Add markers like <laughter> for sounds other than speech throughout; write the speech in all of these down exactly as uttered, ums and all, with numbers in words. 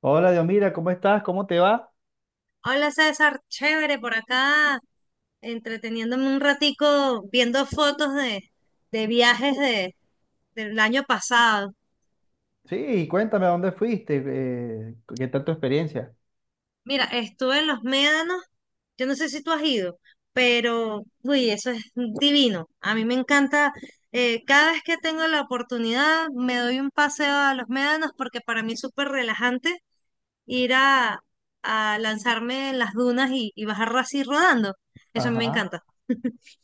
Hola, Diomira, ¿cómo estás? ¿Cómo te va? Hola César, chévere por acá, entreteniéndome un ratico viendo fotos de, de viajes de, del año pasado. Sí, cuéntame, ¿a dónde fuiste? Eh, ¿qué tal tu experiencia? Mira, estuve en los Médanos, yo no sé si tú has ido, pero uy, eso es divino. A mí me encanta, eh, cada vez que tengo la oportunidad me doy un paseo a los Médanos porque para mí es súper relajante ir a, a lanzarme en las dunas y, y bajar así rodando. Eso a mí me Ajá. encanta.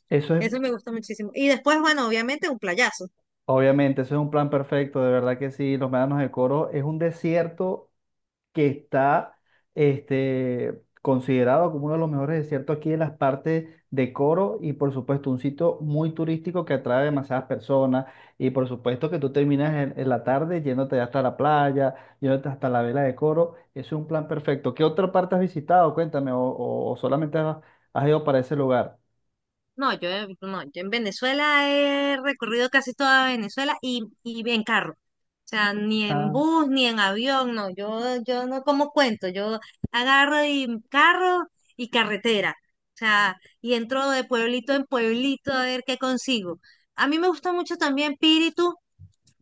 Eso es, Eso me gusta muchísimo. Y después, bueno, obviamente un playazo. obviamente, eso es un plan perfecto, de verdad que sí, los médanos de Coro es un desierto que está este, considerado como uno de los mejores desiertos aquí en las partes de Coro y por supuesto un sitio muy turístico que atrae demasiadas personas y por supuesto que tú terminas en, en la tarde yéndote hasta la playa, yéndote hasta la vela de Coro, es un plan perfecto. ¿Qué otra parte has visitado? Cuéntame, o, o- o solamente has, has ido para ese lugar. No, yo, he- no, yo en Venezuela he recorrido casi toda Venezuela y, y en carro. O sea, ni en Ah, bus, ni en avión, no. Yo, yo no como cuento. Yo agarro y carro y carretera. O sea, y entro de pueblito en pueblito a ver qué consigo. A mí me gusta mucho también Píritu.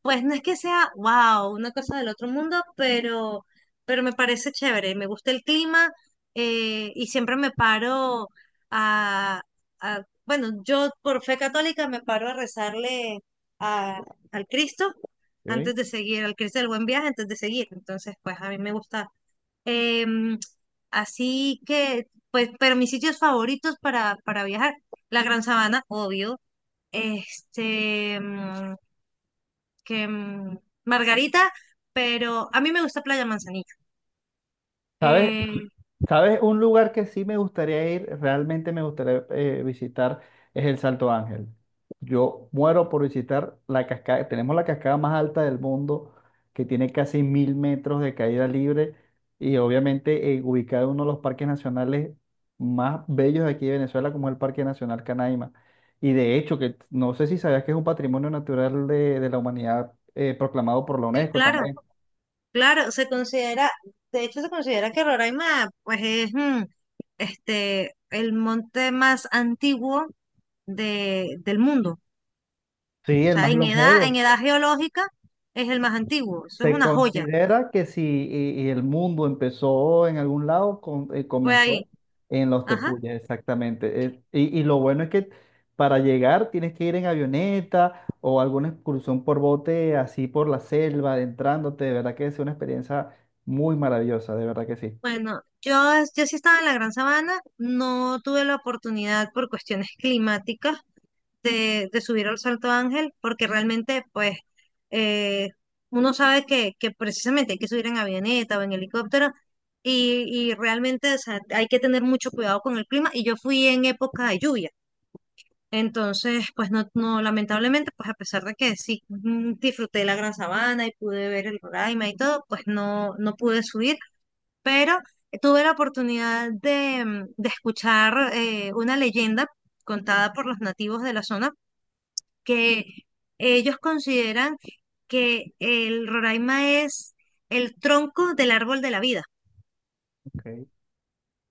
Pues no es que sea, wow, una cosa del otro mundo, pero, pero me parece chévere, me gusta el clima, eh, y siempre me paro a, a- bueno, yo por fe católica me paro a rezarle a- al Cristo ¿ok? antes de seguir, al Cristo del Buen Viaje antes de seguir. Entonces, pues a mí me gusta. Em, Así que, pues, pero mis sitios favoritos para, para viajar, la Gran Sabana, obvio, este, mm, que mm, Margarita, pero a mí me gusta Playa Manzanillo. ¿Sabes? Eh, ¿Sabes? Un lugar que sí me gustaría ir, realmente me gustaría eh, visitar, es el Salto Ángel. Yo muero por visitar la cascada. Tenemos la cascada más alta del mundo, que tiene casi mil metros de caída libre y obviamente eh, ubicada en uno de los parques nacionales más bellos de aquí de Venezuela, como es el Parque Nacional Canaima. Y de hecho, que no sé si sabías que es un patrimonio natural de, de la humanidad eh, proclamado por la sí, UNESCO claro, también. claro, se considera, de hecho se considera que Roraima pues es, mm, este, el monte más antiguo de, del mundo. Sí, O el sea, más en edad, en longevo. edad geológica es el más antiguo. Eso es Se una joya. considera que si y- y el mundo empezó en algún lado, con- eh, Fue ahí. comenzó en los Ajá. tepuyes, exactamente. Eh, y, y lo bueno es que para llegar tienes que ir en avioneta o alguna excursión por bote, así por la selva, adentrándote. De verdad que es una experiencia muy maravillosa, de verdad que sí. Bueno, yo, yo sí estaba en la Gran Sabana, no tuve la oportunidad por cuestiones <laughs> climáticas, de, de subir al Salto Ángel, porque realmente, pues, eh, uno sabe que, que precisamente hay que subir en avioneta o en helicóptero, y, y realmente, o sea, hay que tener mucho cuidado con el clima, y yo fui en época de lluvia. Entonces, pues no, no, lamentablemente, pues a pesar de que sí, mm, disfruté de la Gran Sabana y pude ver el Roraima y todo, pues no, no pude subir, pero tuve la oportunidad de, mm, de escuchar, eh, una leyenda contada por los nativos de la zona que ellos consideran que el Roraima es el tronco del árbol de la vida. Okay.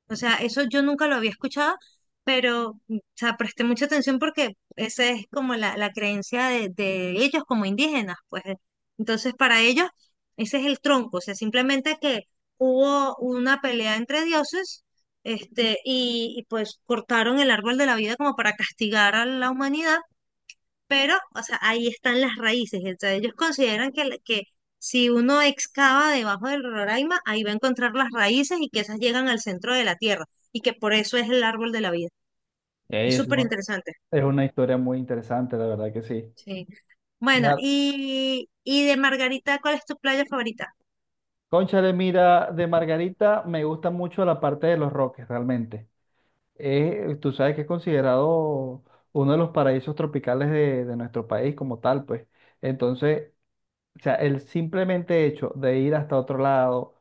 O sea, eso yo nunca lo había escuchado, pero o sea, presté mucha atención porque esa es como la, la creencia de, de ellos como indígenas, pues. Entonces, para ellos, ese es el tronco. O sea, simplemente que hubo una pelea entre dioses. Este, y, y pues cortaron el árbol de la vida como para castigar a la humanidad, pero, o sea, ahí están las raíces. Entonces, ellos consideran que, la- que si uno excava debajo del Roraima, ahí va a encontrar las raíces y que esas llegan al centro de la tierra y que por eso es el árbol de la vida. Es Es súper un- interesante. es una historia muy interesante, la verdad que sí. Sí. Bueno, Claro. y, y de Margarita, ¿cuál es tu playa favorita? Cónchale, mira, de Margarita me gusta mucho la parte de los roques, realmente. Es tú sabes que es considerado uno de los paraísos tropicales de, de nuestro país como tal, pues. Entonces, o sea, el simplemente hecho de ir hasta otro lado,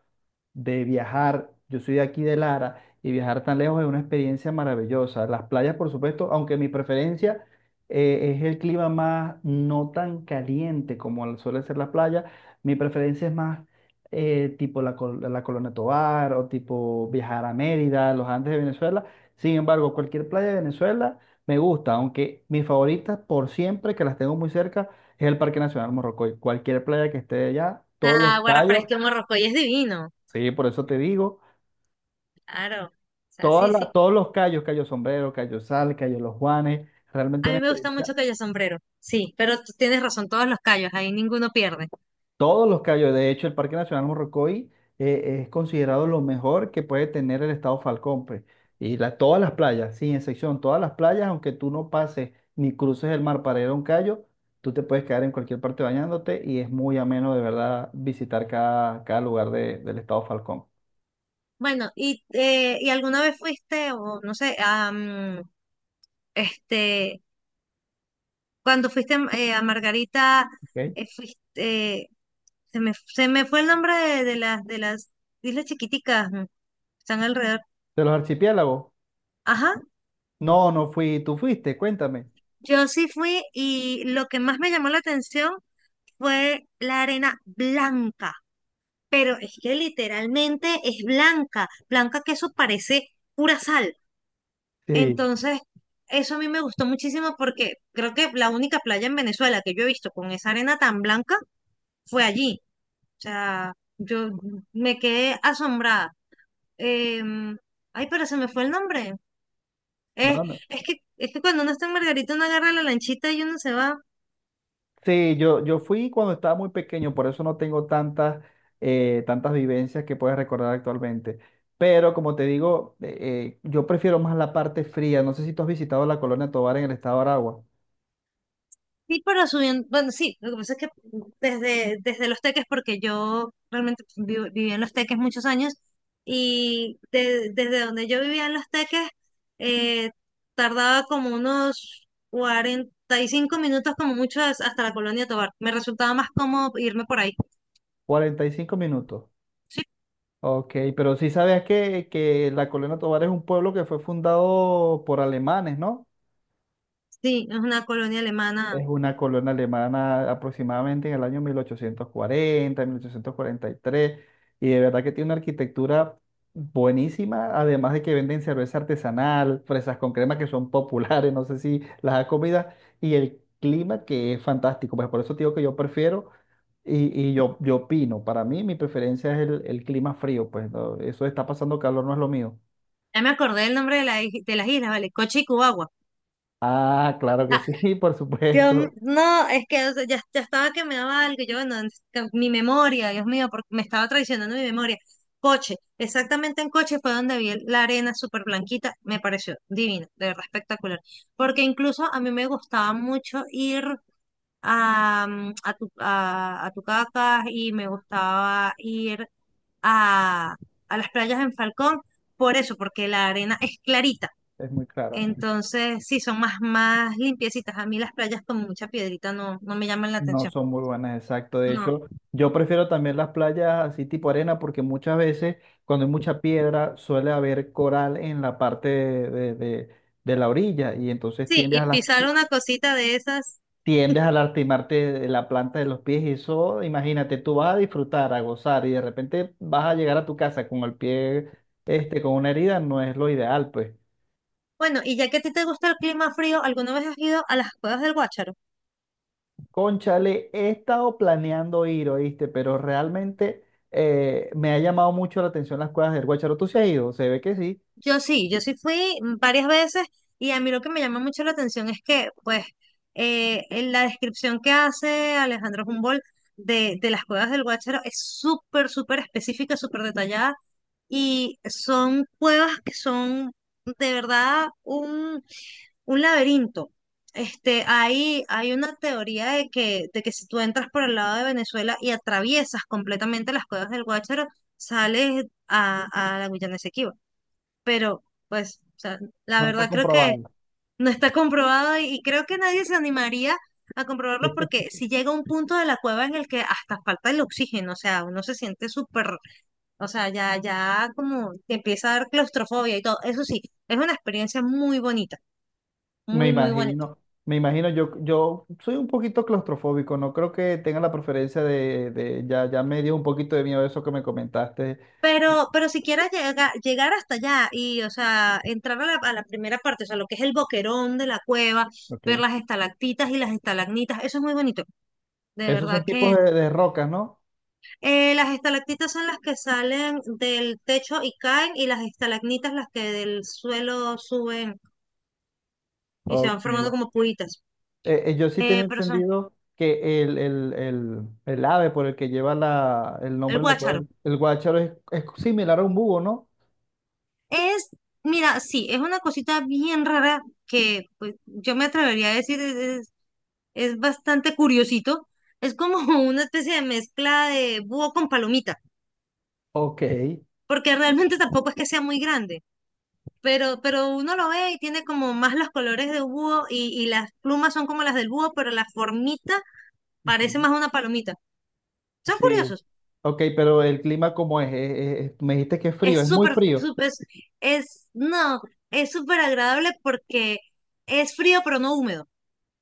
de viajar, yo soy de aquí de Lara, y viajar tan lejos es una experiencia maravillosa. Las playas, por supuesto, aunque mi preferencia eh, es el clima más no tan caliente como el- suele ser la playa, mi preferencia es más eh, tipo la, col- la Colonia Tovar o tipo viajar a Mérida, los Andes de Venezuela. Sin embargo, cualquier playa de Venezuela me gusta, aunque mis favoritas por siempre, que las tengo muy cerca, es el Parque Nacional Morrocoy. Cualquier playa que esté allá, todos Ah, los Guarra, pero es callos, que Morrocoy es divino. sí, por eso te digo. Claro. O sea, Todas sí, la- sí. Todos los callos, Cayo Sombrero, Cayo Sal, Cayo Los Juanes, realmente A una mí me gusta experiencia. mucho Cayo Sombrero. Sí, pero tú tienes razón, todos los callos, ahí ninguno pierde. Todos los callos, de hecho, el Parque Nacional Morrocoy eh, es considerado lo mejor que puede tener el estado Falcón, pues. Y la- todas las playas, sin excepción, todas las playas, aunque tú no pases ni cruces el mar para ir a un callo, tú te puedes quedar en cualquier parte bañándote y es muy ameno, de verdad, visitar cada, cada lugar de- del estado Falcón. Bueno, y, eh, ¿y alguna vez fuiste, o no sé, a, este, cuando fuiste, eh, a Margarita, ¿Ok? De eh, fuiste, eh, se me, se me fue el nombre de, de las de las islas chiquiticas, mm, están alrededor. los archipiélagos. Ajá, No, no fui, tú fuiste, cuéntame. yo sí fui y lo que más me llamó la atención fue la arena blanca, pero es que literalmente es blanca, blanca que eso parece pura sal. Sí. Entonces, eso a mí me gustó muchísimo porque creo que la única playa en Venezuela que yo he visto con esa arena tan blanca fue allí. O sea, yo me quedé asombrada. Em, ay, pero se me fue el nombre. Es, No, no. es que, es que cuando uno está en Margarita, uno agarra la lanchita y uno se va. Sí, yo, yo fui cuando estaba muy pequeño, por eso no tengo tantas, eh, tantas vivencias que puedes recordar actualmente. Pero como te digo, eh, eh, yo prefiero más la parte fría. No sé si tú has visitado la Colonia Tovar en el estado de Aragua. Sí, pero subiendo, bueno, sí, lo que pasa es que desde, desde Los Teques, porque yo realmente vi- viví en Los Teques muchos años, y de- desde donde yo vivía en Los Teques, eh, tardaba como unos cuarenta y cinco minutos como mucho, as- hasta la Colonia Tovar. Me resultaba más cómodo irme por ahí. Cuarenta y cinco minutos. Ok, pero sí sabías que, que la Colonia Tovar es un pueblo que fue fundado por alemanes, ¿no? Sí, es una colonia alemana. Es una colonia alemana aproximadamente en el año mil ochocientos cuarenta, mil ochocientos cuarenta y tres, y tres, y de verdad que tiene una arquitectura buenísima, además de que venden cerveza artesanal, fresas con crema que son <laughs> populares, no sé si las ha comido, y el clima que es fantástico, pues por eso te digo que yo prefiero y, y yo, yo opino, para mí mi preferencia es el, el clima frío, pues no, eso de está pasando calor no es lo mío. Ya me acordé del nombre de, la, is- de las islas, ¿vale? Coche y Cubagua. Ah, claro que Ah, sí, <laughs> por Dios m- supuesto, no, es que o sea, ya, ya estaba que me daba algo. Yo, bueno, es que mi memoria, Dios mío, porque me estaba traicionando mi memoria. Coche, exactamente en Coche fue donde vi el- la arena súper blanquita. Me pareció divina, de verdad espectacular. Porque incluso a mí me gustaba mucho ir a, mm, a, Tu- a, a Tucacas y me gustaba ir a, a las playas en Falcón, por eso, porque la arena es clarita. es muy claro. Entonces, sí, son más, más limpiecitas. A mí las playas con mucha piedrita no, no me llaman la No atención. son muy buenas, exacto. De No. hecho, yo prefiero también las playas así tipo arena porque muchas veces cuando hay mucha piedra suele haber coral en la parte de, de- de- de la orilla y entonces Sí, tiendes y a, las, pisar una cosita de esas. tiendes a lastimarte de la planta de los pies y eso, imagínate, tú vas a disfrutar, a gozar y de repente vas a llegar a tu casa con el pie, este, con una herida, no es lo ideal, pues. Bueno, y ya que a ti te gusta el clima frío, ¿alguna vez has ido a las cuevas del Guácharo? Cónchale, he estado planeando ir, oíste, pero realmente eh, me ha llamado mucho la atención las cuevas del Guácharo. ¿Tú se has ido? Se ve que sí. Yo sí, yo sí fui varias veces y a mí lo que me llama mucho la atención es que, pues, eh, en la descripción que hace Alejandro Humboldt de, de las cuevas del Guácharo es súper, súper específica, súper detallada y son cuevas que son de verdad un, un laberinto. Este, hay, hay una teoría de que, de que si tú entras por el lado de Venezuela y atraviesas completamente las cuevas del Guácharo, sales a, a la Guyana Esequiba. Pero, pues, o sea, la No está verdad creo que comprobado. no está comprobado y, y creo que nadie se animaría a comprobarlo porque <laughs> si llega un punto de la cueva en el que hasta falta el oxígeno, o sea, uno se siente súper, o sea, ya, ya como te empieza a dar claustrofobia y todo. Eso sí, es una experiencia muy bonita, Me muy, muy bonita. imagino, me imagino, yo, yo soy un poquito claustrofóbico, no creo que tenga la preferencia de, de- ya, ya me dio un poquito de miedo eso que me comentaste. Pero, pero si quieres llega- llegar hasta allá y, o sea, entrar a la, a la primera parte, o sea, lo que es el boquerón de la cueva, Ok. ver las estalactitas y las estalagmitas, eso es muy bonito. De Esos son verdad tipos que, de, de rocas, ¿no? eh, las estalactitas son las que salen del techo y caen, y las estalagmitas las que del suelo suben y se Ok. van formando como puitas. Eh, eh, yo sí Eh, tenía pero son entendido que el, el, el, el ave por el que lleva la, el el nombre, la guácharo. cual, el guácharo es, es similar a un búho, ¿no? Es, mira, sí, es una cosita bien rara que pues, yo me atrevería a decir es, es- es bastante curiosito. Es como <laughs> una especie de mezcla de búho con palomita, Ok. porque realmente tampoco es que sea muy grande, pero, pero uno lo ve y tiene como más los colores de búho y, y las plumas son como las del búho, pero la formita parece Ujú. más una palomita. Son Sí, curiosos. ok, pero el clima ¿cómo es? Es- es- es- me dijiste que es Es frío, es muy súper, frío. súper, es, no, es súper agradable porque es frío pero no húmedo.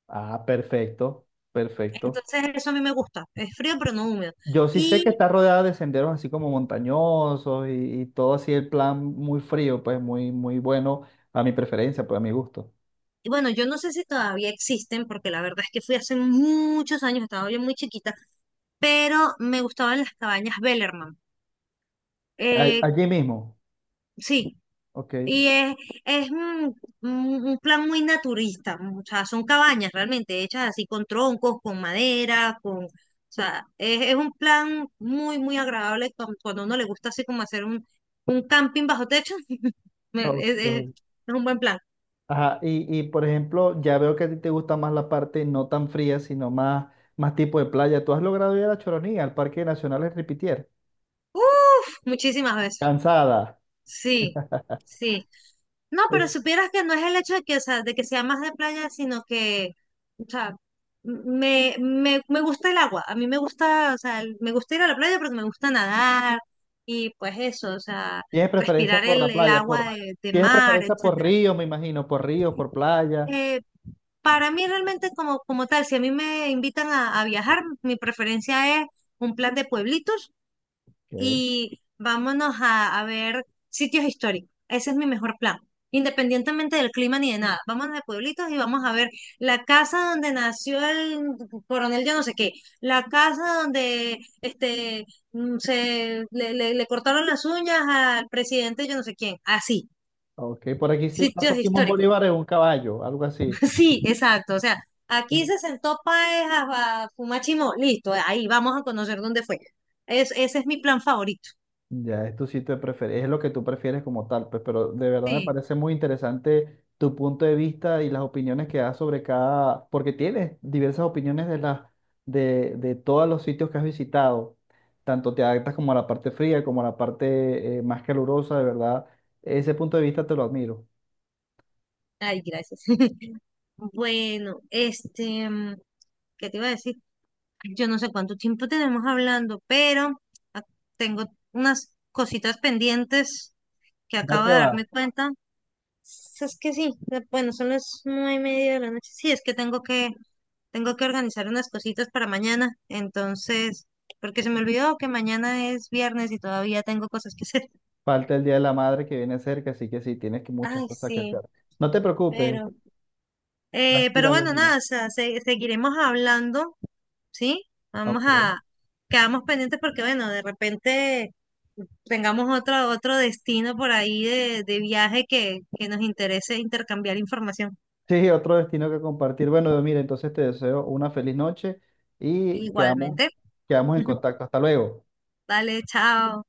Ah, perfecto, perfecto. Entonces eso a mí me gusta, es frío pero no húmedo. Yo sí sé que Y está rodeada de senderos así como montañosos y, y todo así el plan muy frío, pues muy, muy bueno a mi preferencia, pues a mi gusto. y bueno, yo no sé si todavía existen, porque la verdad es que fui hace muchos años, estaba yo muy chiquita, pero me gustaban las cabañas Bellerman. A- Eh, Allí mismo. sí, Ok. y es, es un, un- un plan muy naturista, o sea, son cabañas realmente hechas así con troncos, con madera, con. O sea, es, es un plan muy, muy agradable cu- cuando a uno le gusta así como hacer un, un camping bajo techo. <laughs> me- Ok. es es- es un buen plan. Ajá, y, y, por ejemplo, ya veo que a ti te gusta más la parte no tan fría, sino más, más tipo de playa. ¿Tú has logrado ir a la Choronía, al Parque Nacional El Ripitier? Uf, muchísimas veces. Cansada. Sí, sí. No, pero Es, supieras que no es el hecho de que, o sea, de que sea más de playa, sino que, o sea, me, me, me gusta el agua. A mí me gusta, o sea, el- me gusta ir a la playa porque me gusta nadar y pues eso, o sea, ¿tienes preferencia respirar por la el, el playa? Por, agua de, de ¿tienes mar, preferencia por etcétera. río, me imagino? ¿Por río, por playa? Eh, para mí realmente como, como tal, si a mí me invitan a, a viajar, mi preferencia es un plan de pueblitos Ok. y vámonos a, a ver sitios históricos. Ese es mi mejor plan. Independientemente del clima ni de nada. Vámonos de pueblitos y vamos a ver la casa donde nació el coronel yo no sé qué, la casa donde este, mm, se le, le- le cortaron las uñas al presidente yo no sé quién. Así, Ok, por aquí sí pasó sitios Simón históricos. Bolívar <laughs> en un caballo, algo así. Sí, exacto. O sea, aquí se sentó Páez a, a fumar chimó. Listo, ahí vamos a conocer dónde fue. Es, ese es mi plan favorito. Ya, es tu sitio de preferencia, es lo que tú prefieres como tal, pues, pero de verdad me Sí. parece muy interesante tu punto de vista y las opiniones que das sobre cada, porque tienes diversas opiniones de las, de, de todos los sitios que has visitado, tanto te adaptas como a la parte fría, como a la parte eh, más calurosa, de verdad, ese punto de vista te lo admiro. Ay, gracias. <laughs> Bueno, este, mm, ¿qué te iba a decir? Yo no sé cuánto tiempo tenemos hablando, pero ah, tengo unas cositas pendientes que Ya acabo te de vas. darme cuenta. S- Es que sí, de- bueno, son las nueve y media de la noche. Sí, es que tengo que, tengo que organizar unas cositas para mañana. Entonces, porque se me olvidó que mañana es viernes y todavía tengo cosas que hacer. <laughs> Falta el Día de la Madre que viene cerca, así que sí, tienes que muchas Ay, cosas que sí, hacer. No te preocupes, pero, eh, pero tranquila, Dios bueno, mío. nada, o sea, se- seguiremos hablando, ¿sí? Vamos Ok. a, Quedamos pendientes porque, bueno, de repente tengamos otro, otro destino por ahí de, de viaje que, que nos interese intercambiar información. Sí, otro destino que compartir. Bueno, mira, entonces te deseo una feliz noche y quedamos, Igualmente. quedamos en <laughs> contacto. Hasta luego. Dale, chao.